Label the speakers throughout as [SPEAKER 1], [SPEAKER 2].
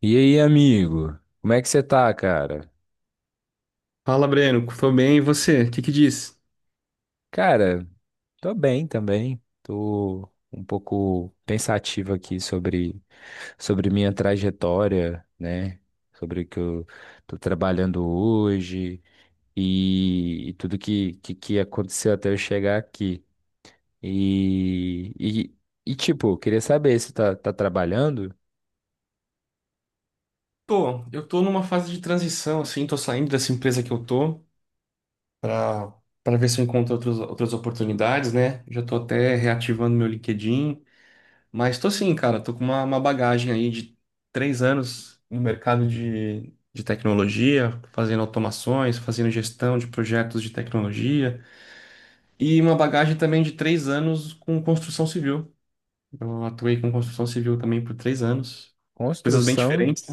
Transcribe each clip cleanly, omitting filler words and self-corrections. [SPEAKER 1] E aí, amigo? Como é que você tá, cara?
[SPEAKER 2] Fala, Breno. Tô bem, e você? O que que diz?
[SPEAKER 1] Cara, tô bem também. Tô um pouco pensativo aqui sobre minha trajetória, né? Sobre o que eu tô trabalhando hoje e tudo que aconteceu até eu chegar aqui. E, e, eu queria saber se tá trabalhando?
[SPEAKER 2] Eu tô numa fase de transição, assim, tô saindo dessa empresa que eu tô pra para ver se eu encontro outras oportunidades, né? Já tô até reativando meu LinkedIn, mas tô sim, cara, tô com uma bagagem aí de 3 anos no mercado de tecnologia, fazendo automações, fazendo gestão de projetos de tecnologia e uma bagagem também de 3 anos com construção civil. Eu atuei com construção civil também por 3 anos, coisas bem
[SPEAKER 1] Construção?
[SPEAKER 2] diferentes.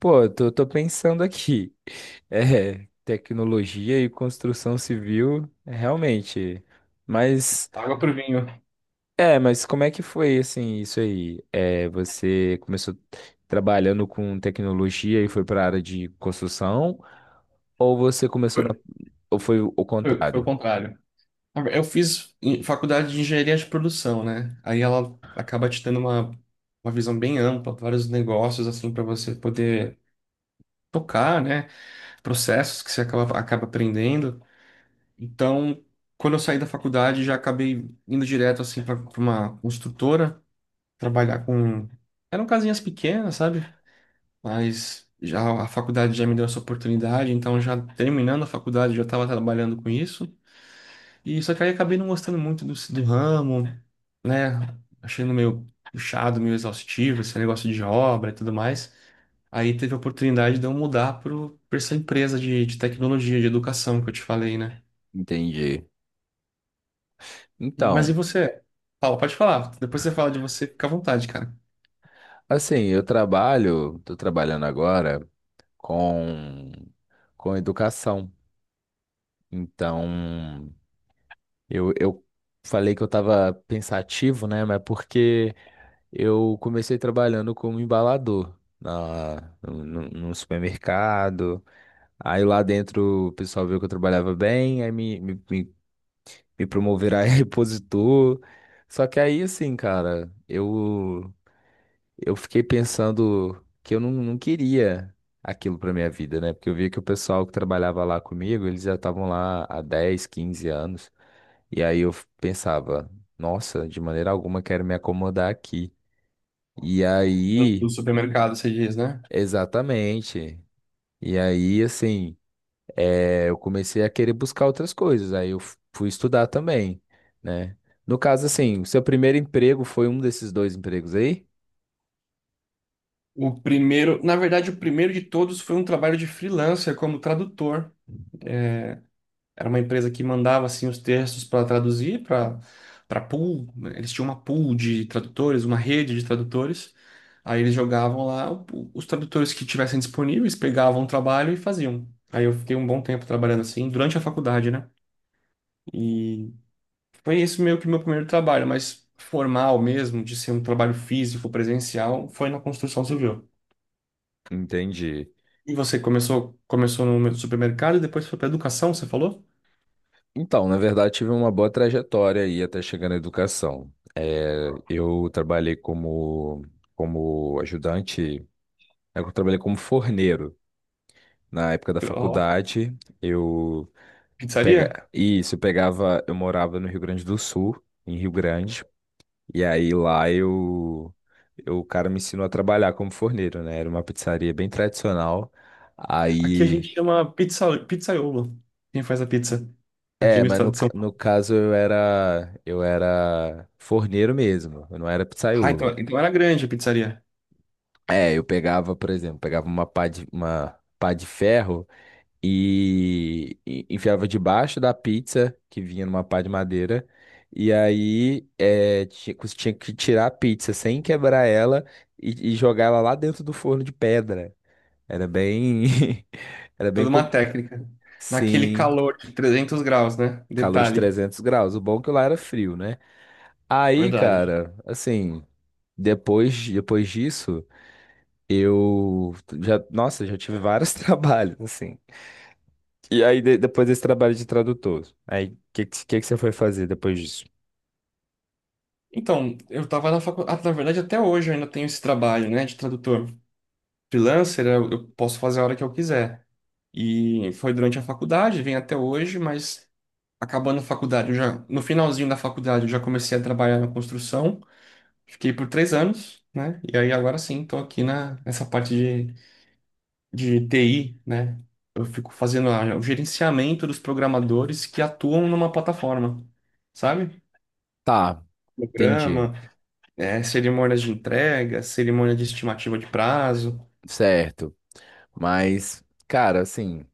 [SPEAKER 1] Pô, eu tô pensando aqui. É, tecnologia e construção civil, é, realmente. Mas,
[SPEAKER 2] Água pro vinho.
[SPEAKER 1] é, mas como é que foi, assim, isso aí? É, você começou trabalhando com tecnologia e foi para a área de construção? Ou você começou
[SPEAKER 2] Foi,
[SPEAKER 1] na... Ou foi o
[SPEAKER 2] foi o
[SPEAKER 1] contrário?
[SPEAKER 2] contrário. Eu fiz faculdade de engenharia de produção, né? Aí ela acaba te dando uma visão bem ampla, vários negócios, assim, para você poder tocar, né? Processos que você acaba aprendendo. Então, quando eu saí da faculdade, já acabei indo direto, assim, para uma construtora, trabalhar com. Eram casinhas pequenas, sabe? Mas já a faculdade já me deu essa oportunidade, então, já terminando a faculdade, já estava trabalhando com isso. E só que aí acabei não gostando muito do ramo, né? Achando meio puxado, meio exaustivo, esse negócio de obra e tudo mais. Aí teve a oportunidade de eu mudar pra essa empresa de tecnologia, de educação que eu te falei, né?
[SPEAKER 1] Entendi.
[SPEAKER 2] Mas e
[SPEAKER 1] Então,
[SPEAKER 2] você? Fala, pode falar. Depois você fala de você, fica à vontade, cara.
[SPEAKER 1] assim, eu trabalho, tô trabalhando agora com, com educação. Então... Eu falei que eu estava pensativo, né? Mas porque eu comecei trabalhando como embalador na, num, num- supermercado. Aí lá dentro o pessoal viu que eu trabalhava bem, aí me promoveram a repositor. Só que aí, assim, cara, eu fiquei pensando que eu não queria aquilo pra minha vida, né? Porque eu via que o pessoal que trabalhava lá comigo, eles já estavam lá há 10, 15 anos. E aí eu pensava, nossa, de maneira alguma quero me acomodar aqui. E aí,
[SPEAKER 2] Do supermercado, você diz, né?
[SPEAKER 1] exatamente. E aí, assim, eu comecei a querer buscar outras coisas. Fui estudar também, né? No caso, assim, o seu primeiro emprego foi um desses dois empregos aí?
[SPEAKER 2] O primeiro, na verdade, o primeiro de todos foi um trabalho de freelancer como tradutor. Era uma empresa que mandava assim os textos para traduzir para pool, né? Eles tinham uma pool de tradutores, uma rede de tradutores. Aí eles jogavam lá os tradutores que tivessem disponíveis, pegavam o trabalho e faziam. Aí eu fiquei um bom tempo trabalhando assim durante a faculdade, né? E foi isso meio que meu primeiro trabalho, mas formal mesmo, de ser um trabalho físico, presencial, foi na construção civil.
[SPEAKER 1] Entendi.
[SPEAKER 2] E você começou no supermercado e depois foi para educação, você falou?
[SPEAKER 1] Então, na verdade, tive uma boa trajetória aí até chegar na educação. Eu trabalhei como, como ajudante, eu trabalhei como forneiro. Na época da
[SPEAKER 2] Ó,
[SPEAKER 1] faculdade, eu,
[SPEAKER 2] pizzaria?
[SPEAKER 1] Isso, eu pegava, eu morava no Rio Grande do Sul, em Rio Grande, e aí lá o cara me ensinou a trabalhar como forneiro, né? Era uma pizzaria bem tradicional.
[SPEAKER 2] Aqui a
[SPEAKER 1] Aí,
[SPEAKER 2] gente chama pizza, pizzaiolo, quem faz a pizza aqui
[SPEAKER 1] é,
[SPEAKER 2] no
[SPEAKER 1] mas
[SPEAKER 2] estado de São Paulo.
[SPEAKER 1] no caso eu era forneiro mesmo, eu não era
[SPEAKER 2] Ah,
[SPEAKER 1] pizzaiolo.
[SPEAKER 2] então, então era grande a pizzaria.
[SPEAKER 1] É, eu pegava, por exemplo, pegava uma uma pá de ferro e enfiava debaixo da pizza que vinha numa pá de madeira. E aí é, tinha, você tinha que tirar a pizza sem quebrar ela e jogar ela lá dentro do forno de pedra. Era bem. Era bem.
[SPEAKER 2] Toda uma
[SPEAKER 1] com-
[SPEAKER 2] técnica. Naquele
[SPEAKER 1] Sim,
[SPEAKER 2] calor de 300 graus, né?
[SPEAKER 1] calor de
[SPEAKER 2] Detalhe.
[SPEAKER 1] 300 graus. O bom é que lá era frio, né? Aí,
[SPEAKER 2] Verdade.
[SPEAKER 1] cara, assim, depois disso, eu já. Nossa, já tive vários trabalhos, assim. E aí, depois desse trabalho de tradutor, aí o que você foi fazer depois disso?
[SPEAKER 2] Então, eu tava na faculdade. Na verdade, até hoje eu ainda tenho esse trabalho, né, de tradutor. Freelancer, eu posso fazer a hora que eu quiser. E foi durante a faculdade, vem até hoje, mas acabando a faculdade, eu já, no finalzinho da faculdade, eu já comecei a trabalhar na construção. Fiquei por 3 anos, né? E aí agora sim, estou aqui na, nessa parte de TI, né? Eu fico fazendo o gerenciamento dos programadores que atuam numa plataforma, sabe?
[SPEAKER 1] Tá, entendi.
[SPEAKER 2] Programa, cerimônias de entrega, cerimônia de estimativa de prazo.
[SPEAKER 1] Certo. Mas, cara, assim,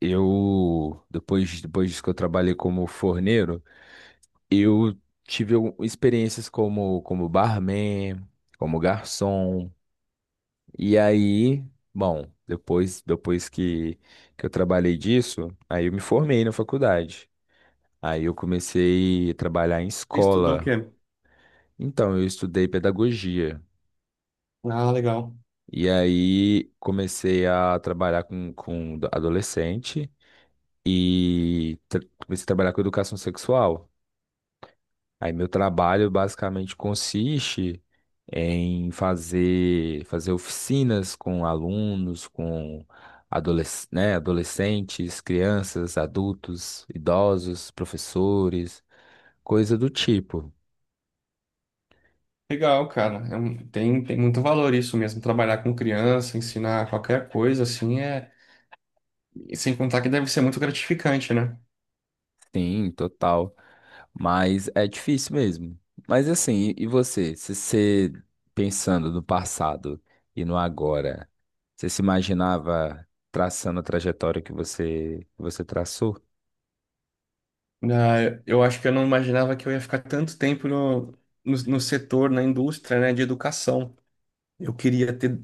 [SPEAKER 1] eu depois disso que eu trabalhei como forneiro, eu tive experiências como barman, como garçom. E aí, bom, depois que eu trabalhei disso, aí eu me formei na faculdade. Aí eu comecei a trabalhar em
[SPEAKER 2] Você estudou o
[SPEAKER 1] escola.
[SPEAKER 2] quê?
[SPEAKER 1] Então, eu estudei pedagogia.
[SPEAKER 2] Ah, legal.
[SPEAKER 1] E aí comecei a trabalhar com adolescente e comecei a trabalhar com educação sexual. Aí meu trabalho basicamente consiste em fazer oficinas com alunos, com né, adolescentes, crianças, adultos, idosos, professores, coisa do tipo.
[SPEAKER 2] Legal, cara. É tem muito valor isso mesmo. Trabalhar com criança, ensinar qualquer coisa, assim, é. E sem contar que deve ser muito gratificante, né?
[SPEAKER 1] Sim, total. Mas é difícil mesmo. Mas assim, e você? Se você pensando no passado e no agora, você se imaginava traçando a trajetória que que você traçou?
[SPEAKER 2] Ah, eu acho que eu não imaginava que eu ia ficar tanto tempo no setor, na indústria, né, de educação. Eu queria ter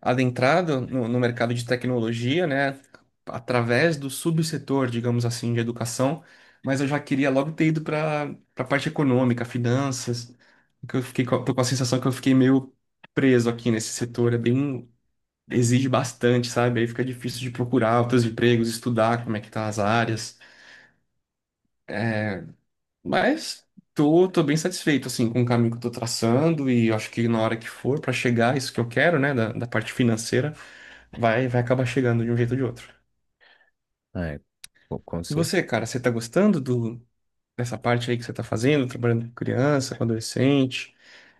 [SPEAKER 2] adentrado no mercado de tecnologia, né, através do subsetor, digamos assim, de educação, mas eu já queria logo ter ido para a parte econômica, finanças, que eu fiquei, tô com a sensação que eu fiquei meio preso aqui nesse setor, é bem, exige bastante, sabe? Aí fica difícil de procurar outros empregos, estudar como é que tá as áreas. Mas tô bem satisfeito, assim, com o caminho que eu tô traçando e eu acho que na hora que for pra chegar isso que eu quero, né, da parte financeira, vai acabar chegando de um jeito ou de outro.
[SPEAKER 1] É, com com
[SPEAKER 2] E
[SPEAKER 1] cer-
[SPEAKER 2] você, cara, você tá gostando dessa parte aí que você tá fazendo, trabalhando com criança, com adolescente?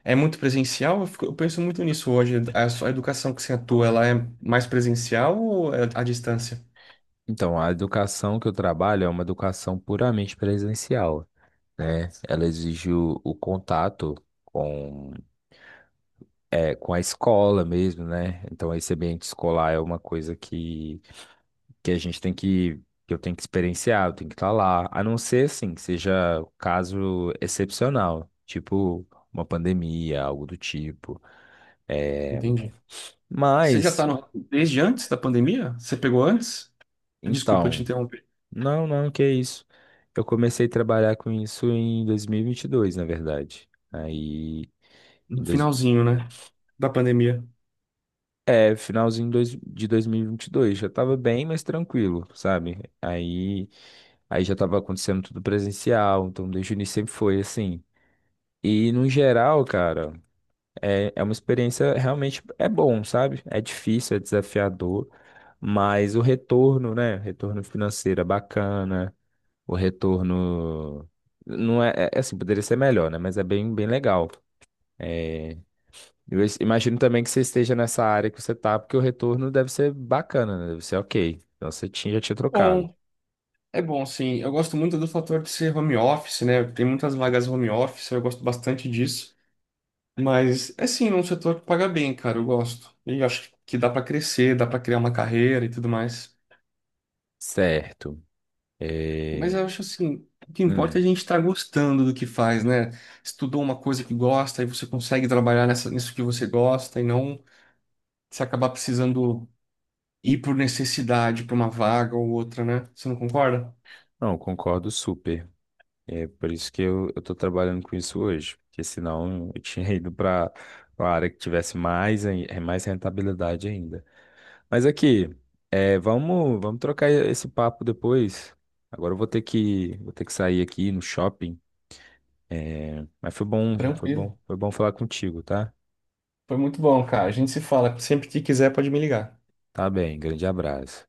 [SPEAKER 2] É muito presencial? Eu penso muito nisso hoje. A sua educação que você atua, ela é mais presencial ou é à distância?
[SPEAKER 1] Então, a educação que eu trabalho é uma educação puramente presencial, né? Ela exige o contato com, é, com a escola mesmo, né? Então, esse ambiente escolar é uma coisa que a gente tem que eu tenho que experienciar, eu tenho que estar lá. A não ser, assim, que seja um caso excepcional, tipo uma pandemia, algo do tipo.
[SPEAKER 2] Entendi. Você já
[SPEAKER 1] Mas,
[SPEAKER 2] tá no, desde antes da pandemia? Você pegou antes? Desculpa te
[SPEAKER 1] então,
[SPEAKER 2] interromper.
[SPEAKER 1] não, que isso. Eu comecei a trabalhar com isso em 2022, na verdade. Aí, em
[SPEAKER 2] No
[SPEAKER 1] dois,
[SPEAKER 2] finalzinho, né? Da pandemia.
[SPEAKER 1] é, finalzinho dois- de 2022, já estava bem mais tranquilo, sabe? Aí já estava acontecendo tudo presencial, então desde o início sempre foi assim. E no geral, cara. É, é uma experiência realmente é bom, sabe? É difícil, é desafiador, mas o retorno, né? Retorno financeiro é bacana, o retorno não é, é é assim, poderia ser melhor, né? Mas é bem legal. É, imagino também que você esteja nessa área que você tá, porque o retorno deve ser bacana, né? Deve ser ok. Então você tinha, já tinha trocado.
[SPEAKER 2] Bom, é bom, sim. Eu gosto muito do fator de ser home office, né? Tem muitas vagas home office, eu gosto bastante disso. Mas é sim, um setor que paga bem, cara, eu gosto. E acho que dá pra crescer, dá pra criar uma carreira e tudo mais.
[SPEAKER 1] Certo. É,
[SPEAKER 2] Mas eu acho assim, o que importa é
[SPEAKER 1] hum,
[SPEAKER 2] a gente estar gostando do que faz, né? Estudou uma coisa que gosta e você consegue trabalhar nisso que você gosta e não se acabar precisando ir por necessidade pra uma vaga ou outra, né? Você não concorda?
[SPEAKER 1] não, concordo super. É por isso que eu tô trabalhando com isso hoje, porque senão eu tinha ido para uma área que tivesse mais, mais rentabilidade ainda. Mas aqui, é, vamos trocar esse papo depois. Agora eu vou ter vou ter que sair aqui no shopping. Mas foi
[SPEAKER 2] Tranquilo.
[SPEAKER 1] foi bom falar contigo, tá?
[SPEAKER 2] Foi muito bom, cara. A gente se fala. Sempre que quiser, pode me ligar.
[SPEAKER 1] Tá bem, grande abraço.